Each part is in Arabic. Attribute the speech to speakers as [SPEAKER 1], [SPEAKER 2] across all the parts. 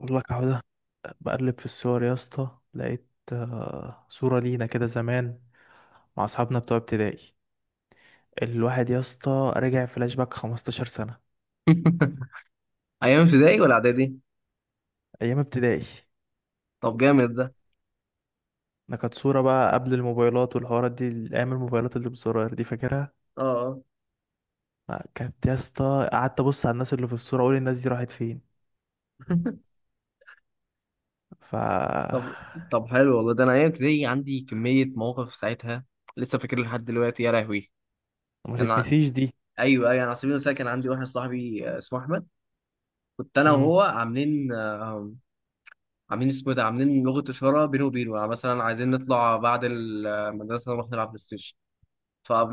[SPEAKER 1] والله اهو ده، بقلب في الصور يا اسطى، لقيت صورة لينا كده زمان مع اصحابنا بتوع ابتدائي. الواحد يا اسطى رجع فلاش باك 15 سنة
[SPEAKER 2] ايام ابتدائي ولا اعدادي؟
[SPEAKER 1] ايام ابتدائي.
[SPEAKER 2] طب جامد ده.
[SPEAKER 1] ده كانت صورة بقى قبل الموبايلات والحوارات دي، ايام الموبايلات اللي بزراير دي، فاكرها.
[SPEAKER 2] اه، آه.
[SPEAKER 1] كانت يا اسطى قعدت ابص على الناس اللي في الصورة، اقول الناس دي راحت فين. ف آه،
[SPEAKER 2] طب طب حلو والله. ده انا ايام ابتدائي عندي كميه مواقف ساعتها، لسه فاكر لحد دلوقتي، يا لهوي.
[SPEAKER 1] ما
[SPEAKER 2] انا
[SPEAKER 1] تتنسيش دي.
[SPEAKER 2] ايوه، ايوه، انا على سبيل المثال كان عندي واحد صاحبي اسمه احمد. كنت انا
[SPEAKER 1] مم.
[SPEAKER 2] وهو عاملين عاملين اسمه إيه ده، عاملين لغه اشاره بينه وبينه، يعني مثلا عايزين نطلع بعد المدرسه نروح نلعب بلاي ستيشن.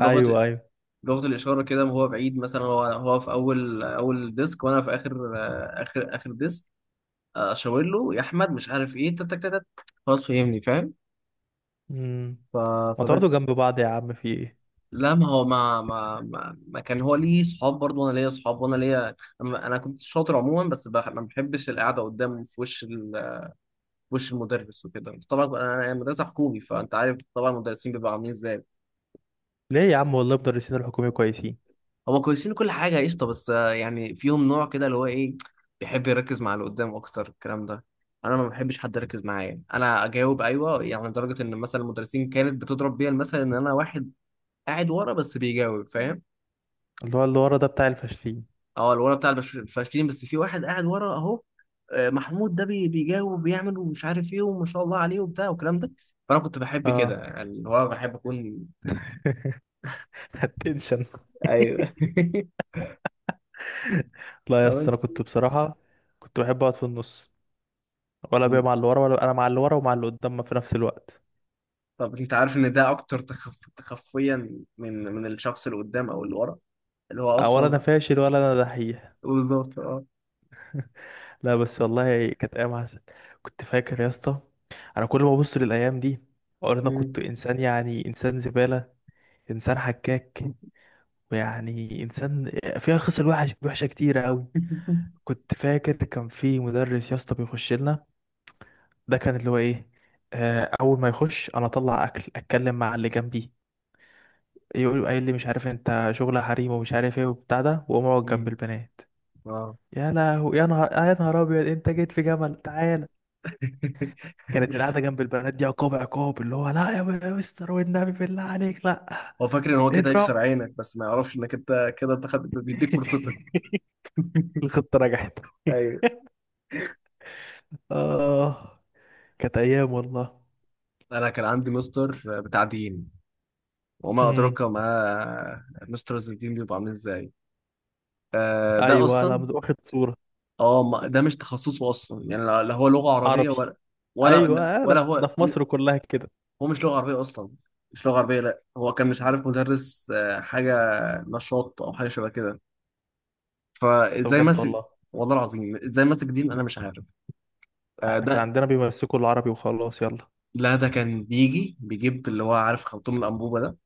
[SPEAKER 1] ايوه، ايوه.
[SPEAKER 2] لغه الاشاره كده، هو بعيد مثلا، هو في اول ديسك وانا في اخر آه، اخر اخر ديسك، اشاور له يا احمد مش عارف ايه، تك تك تك تك. خلاص، فهمني، فاهم.
[SPEAKER 1] مم.
[SPEAKER 2] ف...
[SPEAKER 1] ما تقعدوا
[SPEAKER 2] فبس.
[SPEAKER 1] جنب بعض يا عم، في ايه؟
[SPEAKER 2] لا، ما هو، ما كان هو ليه صحاب برضه وانا ليا صحاب، وانا ليا انا كنت شاطر عموما، بس ما بحبش القعده قدام في وش في وش المدرس وكده. طبعا انا مدرسه حكومي، فانت عارف طبعا المدرسين بيبقوا عاملين ازاي.
[SPEAKER 1] ليه يا عم، والله مدرسين الحكومي كويسين.
[SPEAKER 2] هما كويسين، كل حاجة قشطة، بس يعني فيهم نوع كده اللي هو ايه، بيحب يركز مع اللي قدام أكتر، الكلام ده أنا ما بحبش حد يركز معايا. أنا أجاوب أيوه، يعني لدرجة إن مثلا المدرسين كانت بتضرب بيا المثل إن أنا واحد قاعد ورا بس بيجاوب، فاهم.
[SPEAKER 1] اللي هو اللي ورا ده بتاع الفاشلين.
[SPEAKER 2] أه، الورا بتاع الفاشلين، بس في واحد قاعد ورا أهو، محمود ده بيجاوب وبيعمل ومش عارف إيه وما شاء الله عليه وبتاع والكلام ده. فأنا كنت بحب كده،
[SPEAKER 1] اه.
[SPEAKER 2] يعني اللي هو بحب أكون.
[SPEAKER 1] التنشن.
[SPEAKER 2] أيوه.
[SPEAKER 1] لا يا اسطى، انا
[SPEAKER 2] فبس.
[SPEAKER 1] كنت بصراحه كنت بحب اقعد في النص، ولا بيا مع اللي ورا ولا انا مع اللي ورا ومع اللي قدام في نفس الوقت.
[SPEAKER 2] طب انت عارف ان ده اكتر تخفيا من الشخص اللي قدام او اللي ورا، اللي هو
[SPEAKER 1] آه، ولا انا
[SPEAKER 2] اصلا.
[SPEAKER 1] فاشل ولا انا دحيح.
[SPEAKER 2] بالظبط، اه.
[SPEAKER 1] لا، بس والله كانت ايام عسل. كنت فاكر يا اسطى، انا كل ما ابص للايام دي اقول انا كنت
[SPEAKER 2] مم.
[SPEAKER 1] انسان، يعني انسان زباله، انسان حكاك، ويعني انسان فيها خصال وحش وحشه كتير قوي. كنت فاكر كان في مدرس يا اسطى بيخش لنا، ده كان اللي هو ايه، اول ما يخش انا اطلع اكل اتكلم مع اللي جنبي. يقول قايل لي مش عارف انت شغل حريم ومش عارف ايه وبتاع ده، واقوم اقعد جنب
[SPEAKER 2] مم.
[SPEAKER 1] البنات.
[SPEAKER 2] اه،
[SPEAKER 1] يا لهو، يا نهار، يا نهار ابيض، انت جيت في جمل، تعالى. كانت القعده جنب البنات دي عقاب عقاب، اللي هو لا يا مستر، والنبي بالله عليك لا.
[SPEAKER 2] هو فاكر ان هو كده
[SPEAKER 1] اضرب.
[SPEAKER 2] يكسر عينك، بس ما يعرفش انك انت كده، انت بيديك فرصتك.
[SPEAKER 1] الخطه نجحت.
[SPEAKER 2] ايوه.
[SPEAKER 1] اه، كانت ايام والله.
[SPEAKER 2] انا كان عندي مستر بتاع دين، وما
[SPEAKER 1] امم.
[SPEAKER 2] ادراك ما. مستر الدين بيبقى عامل ازاي؟ ده
[SPEAKER 1] ايوه،
[SPEAKER 2] اصلا،
[SPEAKER 1] انا واخد صوره.
[SPEAKER 2] ده مش تخصصه اصلا، يعني لا لا، هو لغه عربيه
[SPEAKER 1] عربي.
[SPEAKER 2] ولا، ولا
[SPEAKER 1] ايوه،
[SPEAKER 2] ولا
[SPEAKER 1] ده
[SPEAKER 2] هو.
[SPEAKER 1] في مصر كلها كده.
[SPEAKER 2] هو مش لغة عربية أصلا، مش لغة عربية، لأ. هو كان مش عارف مدرس، حاجة نشاط أو حاجة شبه كده،
[SPEAKER 1] ده
[SPEAKER 2] فإزاي
[SPEAKER 1] بجد
[SPEAKER 2] مسك.
[SPEAKER 1] والله.
[SPEAKER 2] والله العظيم إزاي مسك دين أنا مش عارف. آه،
[SPEAKER 1] احنا كان
[SPEAKER 2] ده
[SPEAKER 1] عندنا بيمسكوا العربي وخلاص يلا.
[SPEAKER 2] لا، ده كان بيجي بيجيب اللي هو عارف خرطوم الأنبوبة ده.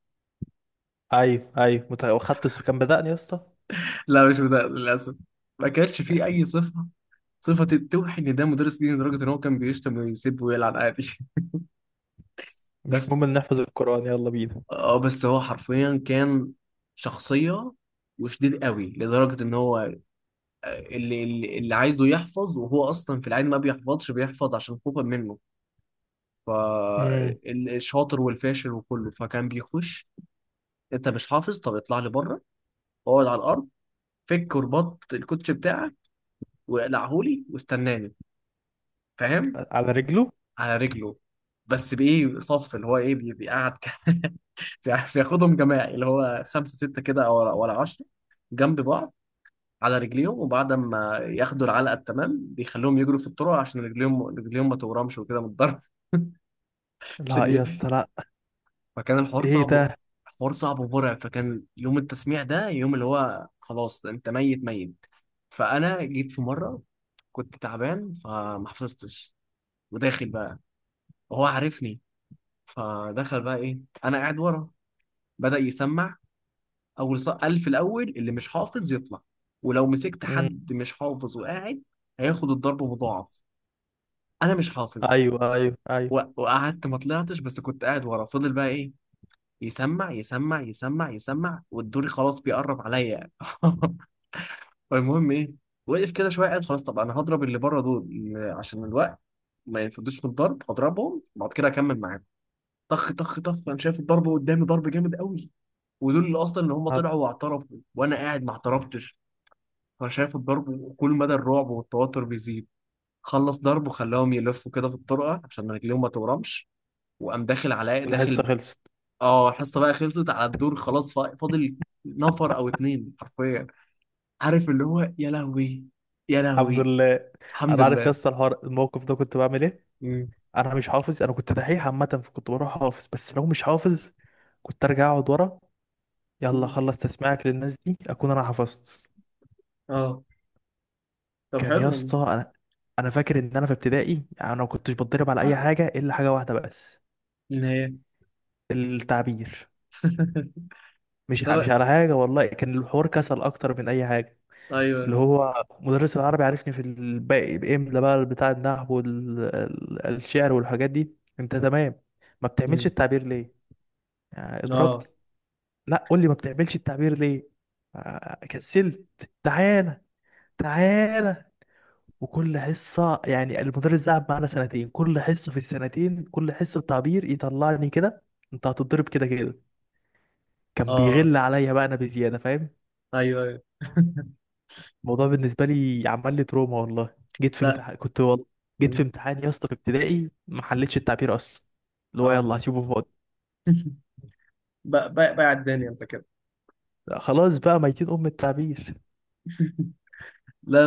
[SPEAKER 1] ايوه، ايوه، وخدت السو، كان بدأني يا اسطى.
[SPEAKER 2] لا، مش ده للأسف. ما كانش فيه أي صفة، صفة توحي إن ده مدرس دين، لدرجة إن هو كان بيشتم ويسب ويلعن عادي.
[SPEAKER 1] مش
[SPEAKER 2] بس
[SPEAKER 1] مهم ان نحفظ القرآن، يلا بينا.
[SPEAKER 2] اه بس هو حرفيا كان شخصية وشديد قوي، لدرجة إن هو اللي عايزه يحفظ، وهو اصلا في العادي ما بيحفظش، بيحفظ عشان خوفا منه.
[SPEAKER 1] امم.
[SPEAKER 2] فالشاطر والفاشل وكله، فكان بيخش: انت مش حافظ، طب اطلع لي بره، اقعد على الارض، فك ورباط الكوتش بتاعك واقلعهولي، واستناني، فاهم.
[SPEAKER 1] على رجله.
[SPEAKER 2] على رجله. بس بايه صف اللي هو ايه، بيقعد بياخدهم جماعي، اللي هو خمسه سته كده او ولا عشره، جنب بعض على رجليهم. وبعد ما ياخدوا العلقه التمام بيخلوهم يجروا في الطرق عشان رجليهم ما تورمش وكده من الضرب.
[SPEAKER 1] لا
[SPEAKER 2] عشان
[SPEAKER 1] يا
[SPEAKER 2] ي-
[SPEAKER 1] اسطى لا.
[SPEAKER 2] فكان الحوار
[SPEAKER 1] ايه
[SPEAKER 2] صعب،
[SPEAKER 1] ده؟
[SPEAKER 2] حوار صعب ومرعب، فكان يوم التسميع ده يوم اللي هو خلاص انت ميت، ميت. فانا جيت في مره كنت تعبان فما حفظتش، وداخل بقى وهو عارفني. فدخل بقى ايه، انا قاعد ورا، بدأ يسمع. قال في الاول اللي مش حافظ يطلع، ولو مسكت
[SPEAKER 1] امم.
[SPEAKER 2] حد مش حافظ وقاعد هياخد الضرب مضاعف. انا مش حافظ،
[SPEAKER 1] ايوه، ايوه، ايوه،
[SPEAKER 2] وقعدت ما طلعتش بس كنت قاعد ورا. فضل بقى ايه، يسمع يسمع يسمع يسمع، والدوري خلاص بيقرب عليا. المهم ايه، وقف كده شويه قاعد خلاص. طب انا هضرب اللي بره دول عشان الوقت ما ينفدوش في الضرب، هضربهم بعد كده اكمل معاهم. طخ طخ طخ، انا شايف الضرب قدامي، ضرب جامد قوي. ودول اللي اصلا اللي هم
[SPEAKER 1] هاد-
[SPEAKER 2] طلعوا واعترفوا، وانا قاعد ما اعترفتش، فانا شايف الضرب وكل مدى الرعب والتوتر بيزيد. خلص ضرب، وخلاهم يلفوا كده في الطرقه عشان رجليهم ما تورمش، وقام داخل على
[SPEAKER 1] والحصة
[SPEAKER 2] داخل.
[SPEAKER 1] خلصت.
[SPEAKER 2] اه، الحصه بقى خلصت على الدور خلاص، فاضل نفر او اتنين حرفيا، عارف اللي هو، يا لهوي، يا
[SPEAKER 1] الحمد
[SPEAKER 2] لهوي.
[SPEAKER 1] لله.
[SPEAKER 2] الحمد
[SPEAKER 1] انا عارف يا
[SPEAKER 2] لله.
[SPEAKER 1] اسطى، الحوار الموقف ده كنت بعمل ايه.
[SPEAKER 2] مم.
[SPEAKER 1] انا مش حافظ، انا كنت دحيح عامة، فكنت بروح حافظ. بس لو مش حافظ كنت ارجع اقعد ورا، يلا
[SPEAKER 2] مم.
[SPEAKER 1] خلص تسميعك للناس دي اكون انا حفظت.
[SPEAKER 2] اه. طب
[SPEAKER 1] كان
[SPEAKER 2] حلو
[SPEAKER 1] يا
[SPEAKER 2] والله.
[SPEAKER 1] اسطى، انا فاكر ان انا في ابتدائي انا ما كنتش بتضرب على اي حاجه الا حاجه واحده بس.
[SPEAKER 2] النهاية.
[SPEAKER 1] التعبير. مش
[SPEAKER 2] ترى،
[SPEAKER 1] على حاجه والله، كان الحوار كسل اكتر من اي حاجه. اللي
[SPEAKER 2] ايوه.
[SPEAKER 1] هو مدرس العربي عارفني في الباقي، باملا بقى بتاع النحو والشعر والحاجات دي انت تمام، ما بتعملش
[SPEAKER 2] مم.
[SPEAKER 1] التعبير ليه؟ يعني
[SPEAKER 2] اه.
[SPEAKER 1] اضربني. لا قول لي ما بتعملش التعبير ليه؟ كسلت. تعالى، تعالى. وكل حصة، يعني المدرس ده قعد معانا سنتين، كل حصة في السنتين، كل حصة تعبير يطلعني كده، انت هتضرب كده كده. كان
[SPEAKER 2] اه،
[SPEAKER 1] بيغل عليا بقى انا بزيادة، فاهم.
[SPEAKER 2] ايوه، ايوه.
[SPEAKER 1] الموضوع بالنسبة لي عمل لي تروما والله. جيت في
[SPEAKER 2] لا.
[SPEAKER 1] امتحان كنت والله، جيت في
[SPEAKER 2] مم.
[SPEAKER 1] امتحان يا اسطى في ابتدائي ما حلتش التعبير اصلا، اللي هو
[SPEAKER 2] اه.
[SPEAKER 1] يلا هسيبه فاضي.
[SPEAKER 2] بقى الدنيا انت كده.
[SPEAKER 1] لا، خلاص بقى ميتين ام التعبير.
[SPEAKER 2] لا،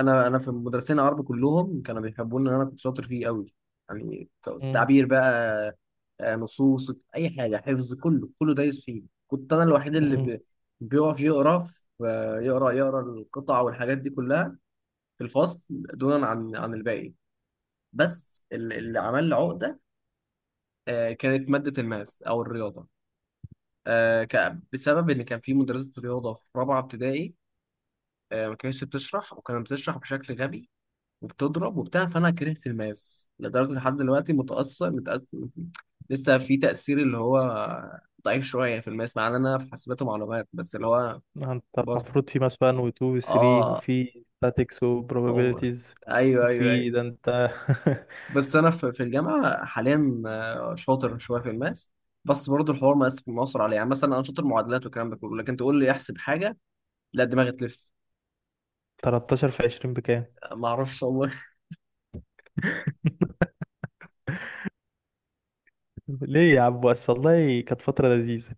[SPEAKER 2] انا في مدرسين عربي كلهم كانوا بيحبوني ان انا كنت شاطر فيه قوي، يعني.
[SPEAKER 1] امم،
[SPEAKER 2] تعبير بقى، نصوص، اي حاجه حفظ، كله كله دايس فيه. كنت انا الوحيد اللي
[SPEAKER 1] امم.
[SPEAKER 2] بيقف يقرا يقرا القطع والحاجات دي كلها في الفصل، دونا عن الباقي. بس اللي عمل لي عقده كانت ماده الماس او الرياضه، بسبب ان كان في مدرسه رياضه في رابعه ابتدائي ما كانتش بتشرح، وكانت بتشرح بشكل غبي وبتضرب وبتاع، فانا كرهت الماس لدرجه لحد دلوقتي متاثر، متأثر، لسه في تاثير اللي هو ضعيف شويه في الماس، مع ان انا في حاسبات ومعلومات. بس اللي هو
[SPEAKER 1] انت
[SPEAKER 2] برضه.
[SPEAKER 1] المفروض في مثلا و2 و3
[SPEAKER 2] اه
[SPEAKER 1] وفي statics و
[SPEAKER 2] هو.
[SPEAKER 1] probabilities
[SPEAKER 2] ايوه، ايوه، ايوه.
[SPEAKER 1] وفي ده انت.
[SPEAKER 2] بس انا في الجامعه حاليا شاطر شويه في الماس، بس برضه الحوار ما مؤثر عليه، يعني مثلا انا شاطر معادلات والكلام ده كله، لكن تقول لي احسب حاجه، لا دماغي تلف،
[SPEAKER 1] 13 في 20 بكام؟
[SPEAKER 2] ما اعرفش والله.
[SPEAKER 1] ليه يا عم، بس والله كانت فترة لذيذة.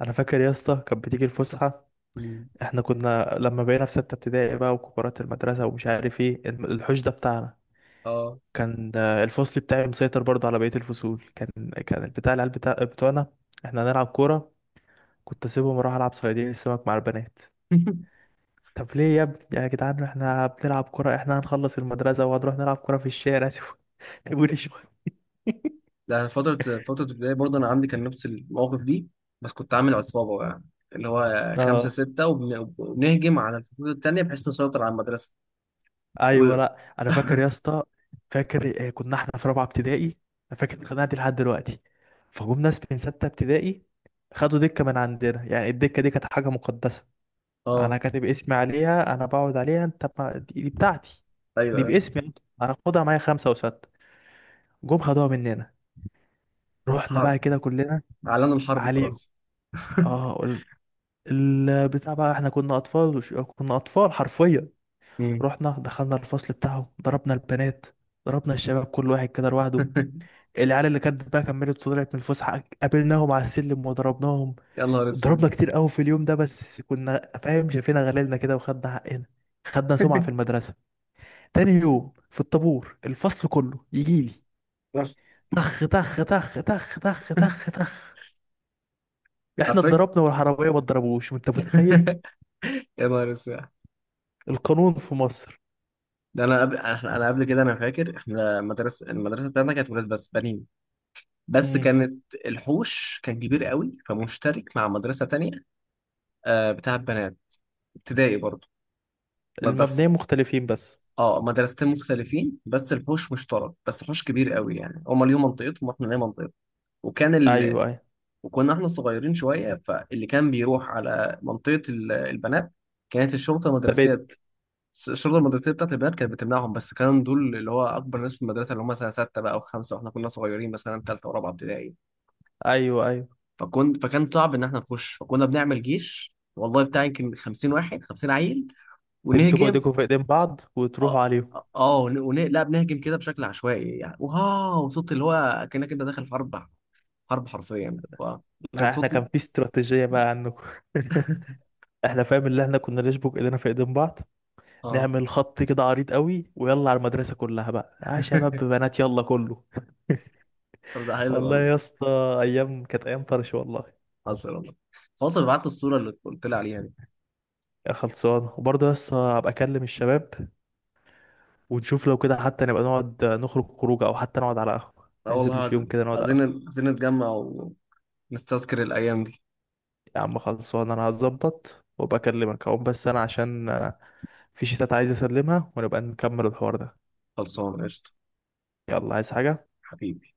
[SPEAKER 1] أنا فاكر يا اسطى، كانت بتيجي الفسحة.
[SPEAKER 2] مم.
[SPEAKER 1] احنا كنا لما بقينا في ستة ابتدائي بقى وكبارات المدرسة ومش عارف ايه، الحوش ده بتاعنا.
[SPEAKER 2] اه.
[SPEAKER 1] كان الفصل بتاعي مسيطر برضه على بقية الفصول، كان. كان بتاع العيال بتاع بتوعنا. احنا هنلعب كورة، كنت اسيبهم اروح العب صيادين السمك مع البنات. طب ليه يا ابني يا جدعان، احنا بنلعب كورة، احنا هنخلص المدرسة وهنروح نلعب كورة في الشارع. سيبوني، سيبوني شوية.
[SPEAKER 2] لا، فترة البداية برضه أنا عندي كان نفس المواقف دي، بس كنت عامل عصابة بقى، اللي هو خمسة ستة، وبنهجم على الفصول التانية بحيث نسيطر على المدرسة. و
[SPEAKER 1] ايوه، لا انا فاكر يا اسطى، فاكر كنا احنا في رابعه ابتدائي. انا فاكر الخناقه دي لحد دلوقتي، فجم ناس من سته ابتدائي خدوا دكه من عندنا، يعني الدكه دي كانت حاجه مقدسه.
[SPEAKER 2] آه
[SPEAKER 1] انا كاتب اسمي عليها، انا بقعد عليها، انت ما... دي بتاعتي.
[SPEAKER 2] أيوه،
[SPEAKER 1] دي
[SPEAKER 2] أيوه.
[SPEAKER 1] باسمي أنت. انا خدها معايا، خمسه وسته جم خدوها مننا، رحنا
[SPEAKER 2] حرب،
[SPEAKER 1] بقى كده كلنا
[SPEAKER 2] إعلان الحرب،
[SPEAKER 1] عليهم.
[SPEAKER 2] خلاص.
[SPEAKER 1] اه. البتاع بقى، احنا كنا اطفال كنا اطفال حرفيا.
[SPEAKER 2] مم.
[SPEAKER 1] رحنا دخلنا الفصل بتاعهم، ضربنا البنات، ضربنا الشباب كل واحد كده لوحده. العيال اللي كانت بقى كملت وطلعت من الفسحه، قابلناهم على السلم وضربناهم.
[SPEAKER 2] يا نهار أسود.
[SPEAKER 1] ضربنا كتير قوي في اليوم ده، بس كنا فاهم شايفينها غليلنا كده، وخدنا حقنا. خدنا سمعه في المدرسه. تاني يوم في الطابور الفصل كله يجيلي،
[SPEAKER 2] بس
[SPEAKER 1] تخ تخ تخ تخ تخ تخ تخ. احنا
[SPEAKER 2] عارفك.
[SPEAKER 1] اتضربنا والحراميه ما اتضربوش، انت متخيل؟
[SPEAKER 2] يا نهار أسود.
[SPEAKER 1] القانون في مصر.
[SPEAKER 2] ده أنا قبل أنا قبل كده، أنا فاكر إحنا المدرسة بتاعتنا كانت ولاد بس بنين، بس
[SPEAKER 1] امم.
[SPEAKER 2] كانت الحوش كان كبير قوي فمشترك مع مدرسة تانية بتاعت بنات، ابتدائي برضه. بس
[SPEAKER 1] المبنيين مختلفين بس.
[SPEAKER 2] اه، مدرستين مختلفين بس الحوش مشترك، بس حوش كبير قوي، يعني هما ليهم منطقتهم واحنا لينا منطقتنا. وكان ال...
[SPEAKER 1] ايوه، ايوه،
[SPEAKER 2] وكنا احنا صغيرين شويه، فاللي كان بيروح على منطقه البنات كانت الشرطه المدرسيه،
[SPEAKER 1] ثابت.
[SPEAKER 2] الشرطه المدرسيه بتاعت البنات كانت بتمنعهم، بس كانوا دول اللي هو اكبر ناس في المدرسه، اللي هم سنه سته بقى او خمسه، واحنا كنا صغيرين مثلا ثالثه ورابعه ابتدائي.
[SPEAKER 1] ايوه، ايوه،
[SPEAKER 2] فكان صعب ان احنا نخش، فكنا بنعمل جيش والله بتاع يمكن 50 واحد، 50 عيل،
[SPEAKER 1] تمسكوا
[SPEAKER 2] ونهجم.
[SPEAKER 1] ايديكم في ايدين بعض وتروحوا
[SPEAKER 2] اه
[SPEAKER 1] عليهم.
[SPEAKER 2] لا، بنهجم كده بشكل عشوائي، يعني واو، صوت اللي هو كأنك انت داخل في حرب، حرب حرفيا، فكان
[SPEAKER 1] لا، احنا
[SPEAKER 2] صوت.
[SPEAKER 1] كان في استراتيجية بقى عنكم. احنا فاهم، اللي احنا كنا نشبك ايدينا في ايدين بعض،
[SPEAKER 2] اه
[SPEAKER 1] نعمل خط كده عريض قوي، ويلا على المدرسه كلها بقى. اه، شباب بنات يلا كله.
[SPEAKER 2] طب ده حلو
[SPEAKER 1] والله
[SPEAKER 2] والله.
[SPEAKER 1] يا اسطى، ايام كانت ايام طرش والله.
[SPEAKER 2] حصل والله. خلاص، انا بعت الصورة اللي قلت لي عليها دي.
[SPEAKER 1] يا خلصانه، وبرضه يا اسطى هبقى اكلم الشباب، ونشوف لو كده حتى نبقى نقعد نخرج خروجه، او حتى نقعد على قهوه،
[SPEAKER 2] اه، والله
[SPEAKER 1] ننزل في يوم
[SPEAKER 2] عايزين،
[SPEAKER 1] كده نقعد على
[SPEAKER 2] عايزين،
[SPEAKER 1] قهوه.
[SPEAKER 2] عايزين نتجمع ونستذكر الأيام دي.
[SPEAKER 1] يا عم خلصانه، انا هظبط وابقى اكلمك اهو، بس انا عشان في شتات عايز اسلمها، ونبقى نكمل الحوار ده.
[SPEAKER 2] خلصانة، قشطة.
[SPEAKER 1] يلا، عايز حاجه؟
[SPEAKER 2] حبيبي.